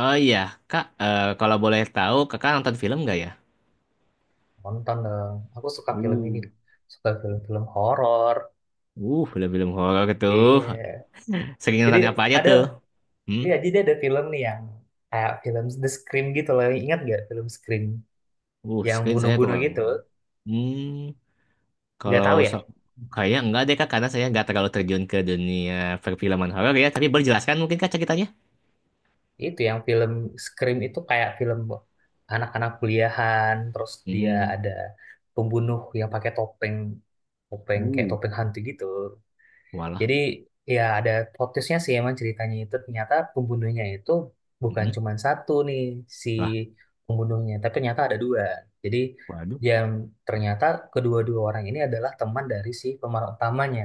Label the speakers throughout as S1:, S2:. S1: Oh iya, Kak, eh, kalau boleh tahu, Kakak nonton film nggak ya?
S2: Nonton dong. Aku suka film ini.
S1: Uh,
S2: Suka film-film horor.
S1: Film-film horor tuh.
S2: Iya.
S1: Sering
S2: Jadi
S1: nonton apa aja
S2: ada,
S1: tuh? Hmm?
S2: iya, jadi ada film nih yang kayak film The Scream gitu loh. Ingat gak film Scream yang
S1: Screen saya
S2: bunuh-bunuh
S1: kurang.
S2: gitu?
S1: Hmm,
S2: Gak
S1: kalau
S2: tahu ya.
S1: so Kayaknya enggak deh Kak, karena saya nggak terlalu terjun ke dunia perfilman horor ya. Tapi boleh jelaskan mungkin Kak ceritanya?
S2: Itu yang film Scream itu kayak film anak-anak kuliahan. Terus dia
S1: Hmm.
S2: ada pembunuh yang pakai topeng, topeng kayak
S1: uh,
S2: topeng hantu gitu.
S1: Walah.
S2: Jadi ya ada plot twist-nya sih emang ceritanya itu ternyata pembunuhnya itu bukan
S1: Hmm,
S2: cuma satu nih si
S1: lah,
S2: pembunuhnya, tapi ternyata ada dua. Jadi
S1: waduh.
S2: yang ternyata kedua-dua orang ini adalah teman dari si pemeran utamanya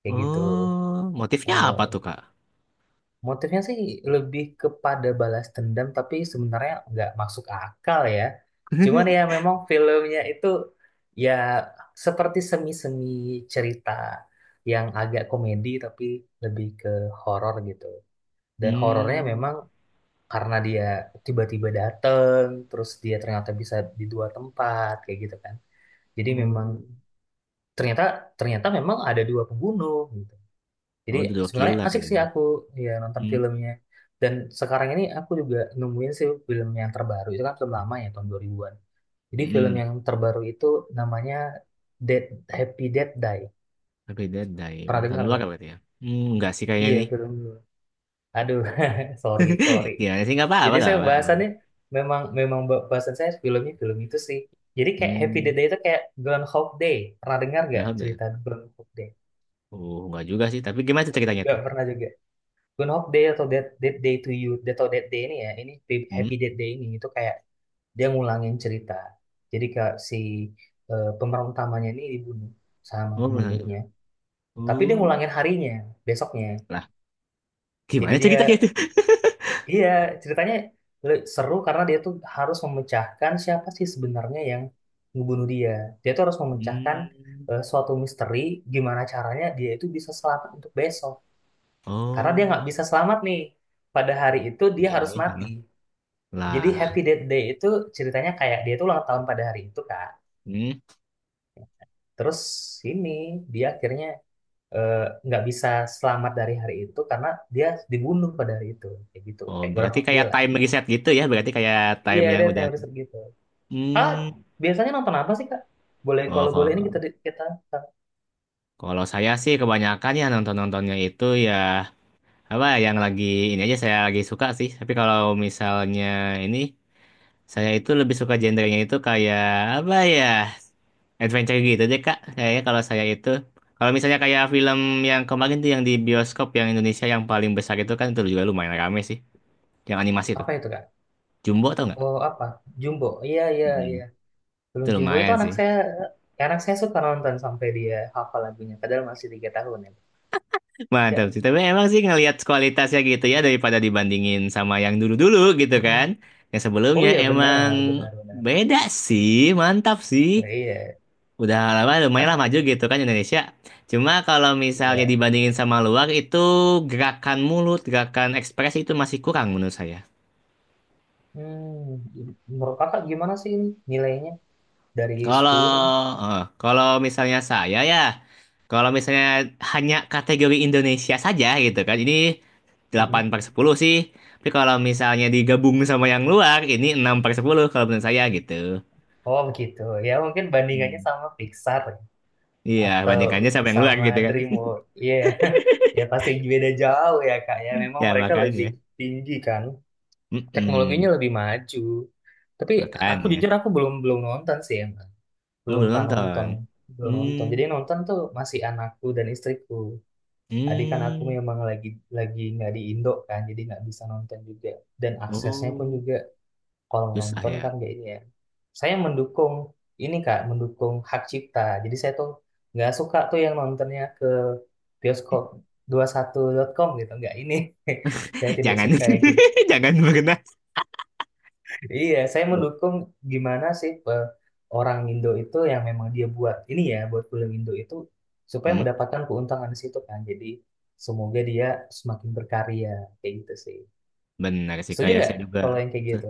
S2: kayak gitu.
S1: Oh, motifnya apa tuh Kak?
S2: Motifnya sih lebih kepada balas dendam, tapi sebenarnya nggak masuk akal ya. Cuman ya memang filmnya itu ya seperti semi-semi cerita yang agak komedi tapi lebih ke horor gitu. Dan horornya
S1: Hmm.
S2: memang karena dia tiba-tiba dateng, terus dia ternyata bisa di dua tempat kayak gitu kan. Jadi memang
S1: Oh,
S2: ternyata ternyata memang ada dua pembunuh. Jadi
S1: oh, The Door
S2: sebenarnya
S1: Killer
S2: asik sih
S1: ya.
S2: aku ya nonton
S1: Hmm,
S2: filmnya. Dan sekarang ini aku juga nemuin sih film yang terbaru. Itu kan film lama ya tahun 2000-an. Jadi film
S1: hmm.
S2: yang terbaru itu namanya Dead Happy Dead Die.
S1: Berbeda dari
S2: Pernah
S1: buatan
S2: dengar
S1: luar
S2: nggak?
S1: berarti ya? Enggak sih kayaknya
S2: Iya,
S1: nih.
S2: film. Aduh, sorry, sorry.
S1: Gimana sih? Nggak apa-apa,
S2: Jadi
S1: nggak
S2: saya
S1: apa-apa. Aman.
S2: bahasannya memang memang bahasan saya film itu sih. Jadi kayak Happy Dead
S1: Hmm,
S2: Day itu kayak Groundhog Day. Pernah dengar
S1: enggak
S2: nggak
S1: apa ya?
S2: cerita Groundhog Day?
S1: Oh, enggak juga sih. Tapi gimana tuh ceritanya
S2: Nggak
S1: tuh?
S2: pernah juga. Good Hope Day atau that that Day to You atau that Day ini Happy Happy
S1: Hmm?
S2: Death Day ini itu kayak dia ngulangin cerita, jadi kayak si pemeran utamanya ini dibunuh sama
S1: Oh, belum sampai.
S2: pembunuhnya, tapi dia
S1: Oh,
S2: ngulangin harinya besoknya.
S1: lah.
S2: Jadi
S1: Gimana
S2: dia,
S1: ceritanya tuh?
S2: iya, ceritanya seru karena dia tuh harus memecahkan siapa sih sebenarnya yang ngebunuh dia. Dia tuh harus memecahkan
S1: Hmm.
S2: suatu misteri, gimana caranya dia itu bisa selamat untuk besok karena dia
S1: Oh,
S2: nggak bisa selamat nih. Pada hari itu dia
S1: ini,
S2: harus
S1: halo.
S2: mati. Jadi
S1: Lah.
S2: Happy Death Day itu ceritanya kayak dia tuh ulang tahun pada hari itu, Kak.
S1: Hmm.
S2: Terus ini dia akhirnya eh, nggak bisa selamat dari hari itu karena dia dibunuh pada hari itu, kayak gitu
S1: Oh,
S2: kayak
S1: berarti
S2: Groundhog Day
S1: kayak
S2: lah.
S1: time reset gitu ya? Berarti kayak
S2: Iya,
S1: time yang
S2: ada
S1: udah...
S2: teori gitu. Ah,
S1: Hmm.
S2: biasanya nonton apa sih, Kak? Boleh,
S1: Oh,
S2: kalau boleh ini kita
S1: kalau,
S2: kita
S1: kalau saya sih kebanyakan ya nonton-nontonnya itu ya apa ya, yang lagi ini aja saya lagi suka sih tapi kalau misalnya ini saya itu lebih suka genrenya itu kayak apa ya, adventure gitu deh kak kayaknya kalau saya itu, kalau misalnya kayak film yang kemarin tuh yang di bioskop yang Indonesia yang paling besar itu kan itu juga lumayan rame sih, yang animasi tuh
S2: apa itu, Kak?
S1: Jumbo tau nggak.
S2: Oh apa? Jumbo. Iya, iya,
S1: mm
S2: iya. Belum,
S1: itu
S2: Jumbo itu
S1: lumayan
S2: anak
S1: sih,
S2: saya, anak saya suka nonton sampai dia hafal lagunya padahal masih 3 tahun ya.
S1: mantap
S2: Iya.
S1: sih tapi emang sih ngelihat kualitasnya gitu ya daripada dibandingin sama yang dulu-dulu gitu kan,
S2: Mm-mm.
S1: yang
S2: Oh
S1: sebelumnya
S2: iya,
S1: emang
S2: benar, benar, benar.
S1: beda sih, mantap
S2: Nah,
S1: sih.
S2: iya.
S1: Udah lama lumayan lah maju gitu kan Indonesia. Cuma kalau misalnya
S2: Iya.
S1: dibandingin sama luar itu gerakan mulut, gerakan ekspresi itu masih kurang menurut saya.
S2: Hmm, menurut kakak gimana sih ini nilainya dari
S1: Kalau
S2: 10 kan?
S1: eh, kalau misalnya saya ya, kalau misalnya hanya kategori Indonesia saja gitu kan, ini delapan
S2: Mhm.
S1: per sepuluh sih. Tapi kalau misalnya digabung sama yang luar, ini 6/10 kalau menurut saya gitu.
S2: Oh begitu. Ya mungkin bandingannya
S1: Hmm.
S2: sama Pixar ya.
S1: Iya,
S2: Atau
S1: bandingkannya sama yang luar
S2: sama
S1: gitu kan.
S2: DreamWorks. Iya. Ya pasti beda jauh ya kak ya. Memang
S1: Ya
S2: mereka lebih
S1: makanya.
S2: tinggi kan. Teknologinya
S1: Mm-mm,
S2: lebih maju. Tapi aku
S1: makanya.
S2: jujur, aku belum belum nonton sih emang.
S1: Oh,
S2: Belum
S1: belum
S2: pernah
S1: nonton.
S2: nonton. Belum
S1: Hmm,
S2: nonton. Jadi yang nonton tuh masih anakku dan istriku. Adik kan aku
S1: hmm.
S2: memang lagi nggak di Indo kan, jadi nggak bisa nonton juga. Dan aksesnya pun
S1: Oh,
S2: juga kalau
S1: susah
S2: nonton
S1: ya.
S2: kan kayak ini ya. Saya mendukung ini, Kak, mendukung hak cipta. Jadi saya tuh nggak suka tuh yang nontonnya ke bioskop 21.com gitu, nggak ini. Saya tidak
S1: Jangan,
S2: suka yang kayak gitu.
S1: jangan berkenas.
S2: Iya, saya mendukung gimana sih orang Indo itu yang memang dia buat ini ya, buat film Indo itu supaya
S1: Hmm,
S2: mendapatkan keuntungan di situ kan. Jadi semoga dia semakin berkarya kayak gitu sih.
S1: Benar sih,
S2: Setuju
S1: kayak
S2: nggak
S1: saya juga.
S2: kalau yang kayak gitu?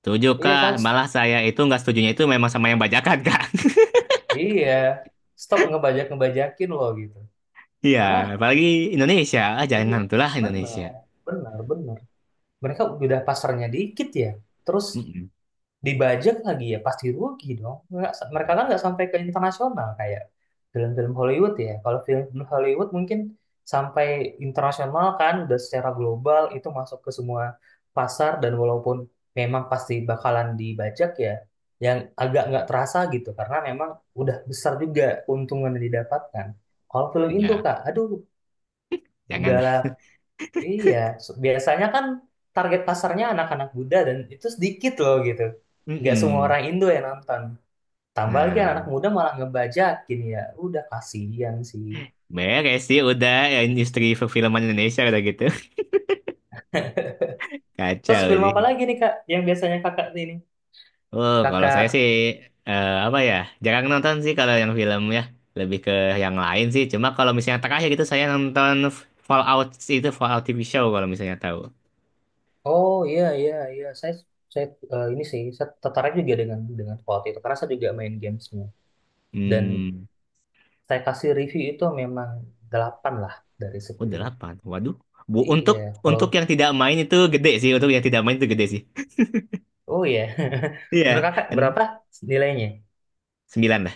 S1: Setuju,
S2: Iya kan?
S1: Kak. Malah saya itu nggak setujunya itu memang sama yang bajakan, Kak.
S2: Iya. Stop ngebajak-ngebajakin loh gitu.
S1: Iya,
S2: Karena
S1: apalagi Indonesia. Ah,
S2: oh iya,
S1: jangan, itulah Indonesia.
S2: benar, benar, benar. Mereka udah pasarnya dikit ya. Terus
S1: Mm-mm.
S2: dibajak lagi ya pasti rugi dong, nggak, mereka kan nggak sampai ke internasional kayak film-film Hollywood ya, kalau film-film Hollywood mungkin sampai internasional kan udah secara global itu masuk ke semua pasar dan walaupun memang pasti bakalan dibajak ya yang agak nggak terasa gitu karena memang udah besar juga keuntungan yang didapatkan. Kalau film Indo,
S1: Ya,
S2: kak, aduh,
S1: janganlah.
S2: udahlah. Iya, biasanya kan target pasarnya anak-anak muda dan itu sedikit loh gitu. Nggak semua
S1: Mm-mm.
S2: orang Indo yang nonton. Tambah lagi anak
S1: Nah,
S2: muda malah ngebajakin ya. Udah kasihan sih.
S1: beres sih udah ya, industri perfilman Indonesia udah gitu.
S2: Terus
S1: Kacau
S2: film
S1: sih.
S2: apa lagi nih Kak yang biasanya Kakak ini?
S1: Oh, kalau saya
S2: Kakak,
S1: sih apa ya? Jarang nonton sih kalau yang film ya, lebih ke yang lain sih. Cuma kalau misalnya terakhir gitu saya nonton Fallout itu, Fallout TV show kalau misalnya tahu.
S2: oh iya, iya, iya, saya ini sih saya tertarik juga dengan quality itu karena saya juga main gamesnya dan
S1: Hmm,
S2: saya kasih review itu memang 8 lah dari
S1: udah
S2: 10.
S1: delapan. Waduh. Bu,
S2: Iya,
S1: untuk
S2: kalau
S1: untuk yang tidak main itu gede sih. Untuk yang tidak main itu gede sih.
S2: oh iya.
S1: Iya,
S2: Menurut Kakak
S1: kan
S2: berapa nilainya?
S1: 9 lah.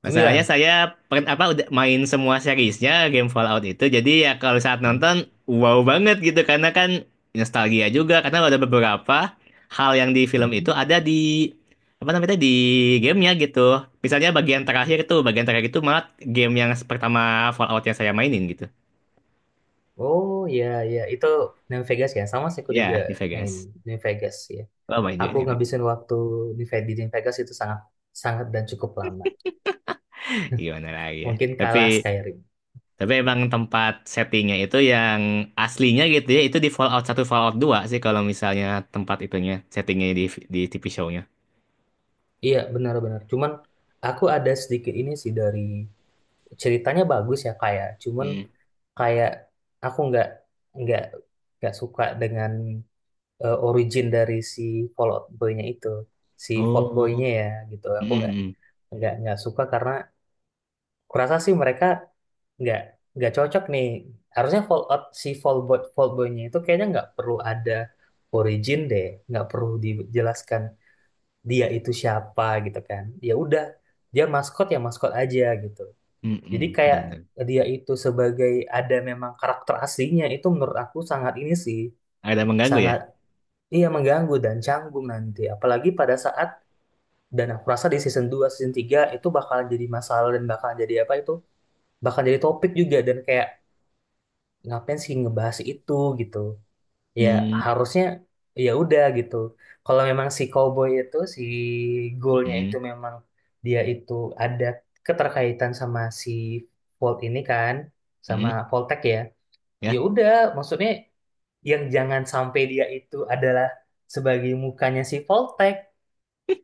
S1: Masalahnya
S2: 9.
S1: saya apa udah main semua seriesnya game Fallout itu. Jadi ya kalau saat
S2: Mhm.
S1: nonton wow banget gitu karena kan nostalgia juga karena ada beberapa hal yang di film itu
S2: Mhm.
S1: ada di apa namanya di gamenya gitu. Misalnya bagian terakhir tuh, bagian terakhir itu malah game yang pertama Fallout yang saya mainin gitu.
S2: Oh ya ya, itu New Vegas ya. Sama sih aku juga
S1: Ya, di
S2: main
S1: Vegas.
S2: New Vegas ya.
S1: Oh, main juga
S2: Aku
S1: itu.
S2: ngabisin waktu di New Vegas itu sangat sangat dan cukup lama.
S1: Gimana lagi ya.
S2: Mungkin
S1: Tapi
S2: kalah Skyrim.
S1: Emang tempat settingnya itu yang aslinya gitu ya, itu di Fallout 1 Fallout 2 sih kalau misalnya tempat itunya, settingnya di TV show-nya.
S2: Iya benar-benar. Cuman aku ada sedikit ini sih dari ceritanya bagus ya kayak. Cuman
S1: Hmm.
S2: kayak aku nggak nggak suka dengan origin dari si Fallout Boy-nya itu, si Fallout
S1: Oh,
S2: Boy-nya ya gitu. Aku nggak
S1: mm
S2: nggak nggak suka karena kurasa sih mereka nggak nggak cocok nih. Harusnya Fallout si Fallboynya itu kayaknya nggak perlu ada origin deh, nggak perlu dijelaskan dia itu siapa gitu kan. Ya udah, dia maskot ya maskot aja gitu. Jadi kayak
S1: bener.
S2: dia itu sebagai ada memang karakter aslinya itu menurut aku sangat ini sih,
S1: Ada mengganggu ya?
S2: sangat iya mengganggu dan canggung nanti. Apalagi pada saat dan aku rasa di season 2 season 3 itu bakalan jadi masalah dan bakalan jadi apa itu, bakal jadi topik juga dan kayak, ngapain sih ngebahas itu gitu ya,
S1: Hmm,
S2: harusnya ya udah gitu kalau memang si cowboy itu si goalnya itu
S1: hmm,
S2: memang dia itu ada keterkaitan sama si Volt ini kan, sama
S1: hmm,
S2: Voltec ya, ya
S1: ya,
S2: udah, maksudnya yang jangan sampai dia itu adalah sebagai mukanya si Voltec,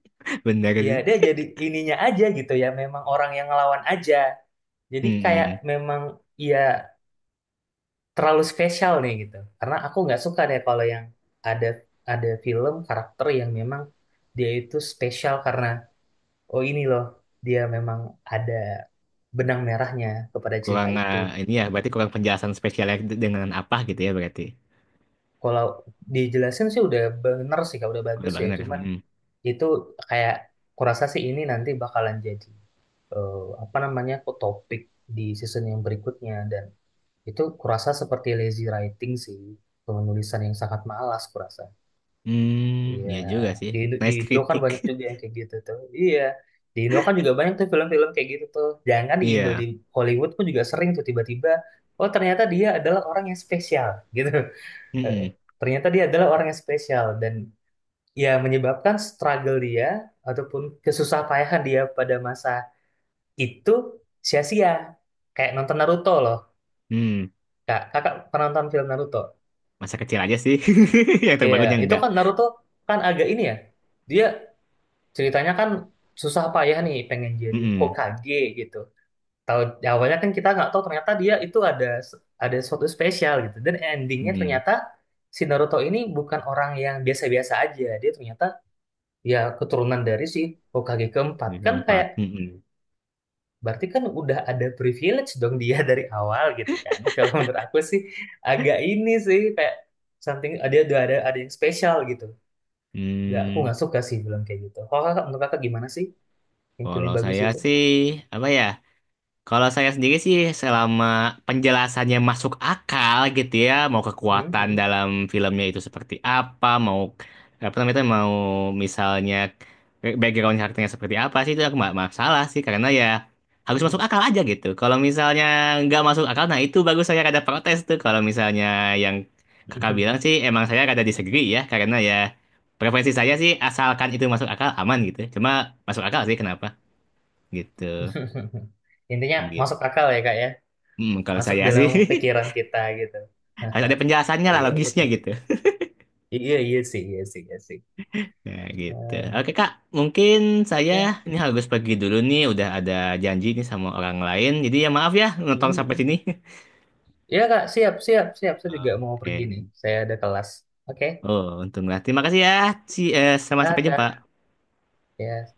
S1: bener
S2: ya dia
S1: sih.
S2: jadi ininya aja gitu ya memang orang yang ngelawan aja, jadi
S1: Hmm,
S2: kayak
S1: hmm.
S2: memang ya terlalu spesial nih gitu. Karena aku nggak suka deh kalau yang ada ada film karakter yang memang dia itu spesial karena oh ini loh dia memang ada benang merahnya kepada cerita
S1: Kurang
S2: itu.
S1: eh, ini ya, berarti kurang penjelasan spesialnya dengan apa gitu ya berarti.
S2: Kalau dijelasin sih udah bener sih Kak, udah
S1: Udah
S2: bagus ya.
S1: bener.
S2: Cuman
S1: Hmm,
S2: itu kayak kurasa sih ini nanti bakalan jadi eh, apa namanya kok topik di season yang berikutnya, dan itu kurasa seperti lazy writing sih, penulisan yang sangat malas kurasa.
S1: hmm,
S2: Iya,
S1: ya juga sih.
S2: di Indo, di
S1: Nice
S2: Indo kan
S1: kritik.
S2: banyak juga yang kayak gitu tuh. Iya, di Indo kan juga banyak tuh film-film kayak gitu tuh. Jangan di Indo, di
S1: Iya.
S2: Hollywood pun juga sering tuh tiba-tiba, oh ternyata dia adalah orang yang spesial gitu.
S1: Hmm,
S2: Eh,
S1: hmm,
S2: ternyata dia adalah orang yang spesial dan ya menyebabkan struggle dia ataupun kesusah payahan dia pada masa itu sia-sia. Kayak nonton Naruto loh.
S1: hmm.
S2: Kak, Kakak pernah nonton film Naruto?
S1: Masa kecil aja sih, yang
S2: Iya,
S1: terbangunnya
S2: itu
S1: enggak.
S2: kan Naruto kan agak ini ya. Dia ceritanya kan susah payah nih pengen jadi
S1: Mm-mm.
S2: Hokage gitu. Tahu awalnya kan kita nggak tahu ternyata dia itu ada sesuatu spesial gitu. Dan endingnya
S1: Mm.
S2: ternyata si Naruto ini bukan orang yang biasa-biasa aja. Dia ternyata ya keturunan dari si Hokage ke-4
S1: Semester
S2: kan,
S1: empat.
S2: kayak
S1: Mm-mm.
S2: berarti kan udah ada privilege dong dia dari awal gitu kan. Kalau menurut aku sih agak ini sih kayak something udah ada yang spesial gitu. Nggak, aku
S1: Hmm,
S2: nggak suka sih bilang kayak gitu. Kalau kakak, menurut kakak gimana sih yang film
S1: Kalau
S2: bagus
S1: saya
S2: itu?
S1: sih apa ya? Kalau saya sendiri sih selama penjelasannya masuk akal gitu ya, mau
S2: Mhm,
S1: kekuatan
S2: mhm,
S1: dalam filmnya itu seperti apa, mau apa namanya itu, mau misalnya background karakternya seperti apa sih itu aku nggak masalah sih karena ya harus
S2: mhm.
S1: masuk akal aja gitu. Kalau misalnya nggak masuk akal, nah itu bagus saya rada protes tuh. Kalau misalnya yang kakak bilang sih emang saya rada disagree ya karena ya preferensi saya sih asalkan itu masuk akal aman gitu. Cuma masuk akal sih kenapa gitu.
S2: Intinya masuk akal ya kak ya,
S1: Hmm, kalau
S2: masuk
S1: saya
S2: dalam
S1: sih
S2: pikiran kita gitu. Nah,
S1: harus ada penjelasannya
S2: oh
S1: lah
S2: iya,
S1: logisnya
S2: betul
S1: gitu.
S2: betul. Iya iya sih, iya sih, iya sih.
S1: Nah, gitu.
S2: Nah,
S1: Oke Kak, mungkin saya
S2: ya,
S1: ini harus pergi dulu nih, udah ada janji nih sama orang lain. Jadi ya maaf ya nonton
S2: mhm,
S1: sampai
S2: mhm.
S1: sini.
S2: Ya kak, siap siap siap. Saya juga mau pergi nih.
S1: Oke.
S2: Saya ada kelas. Oke,
S1: Oh, untunglah. Terima kasih ya. Si, sama sampai
S2: nah,
S1: jumpa.
S2: kak. Ya.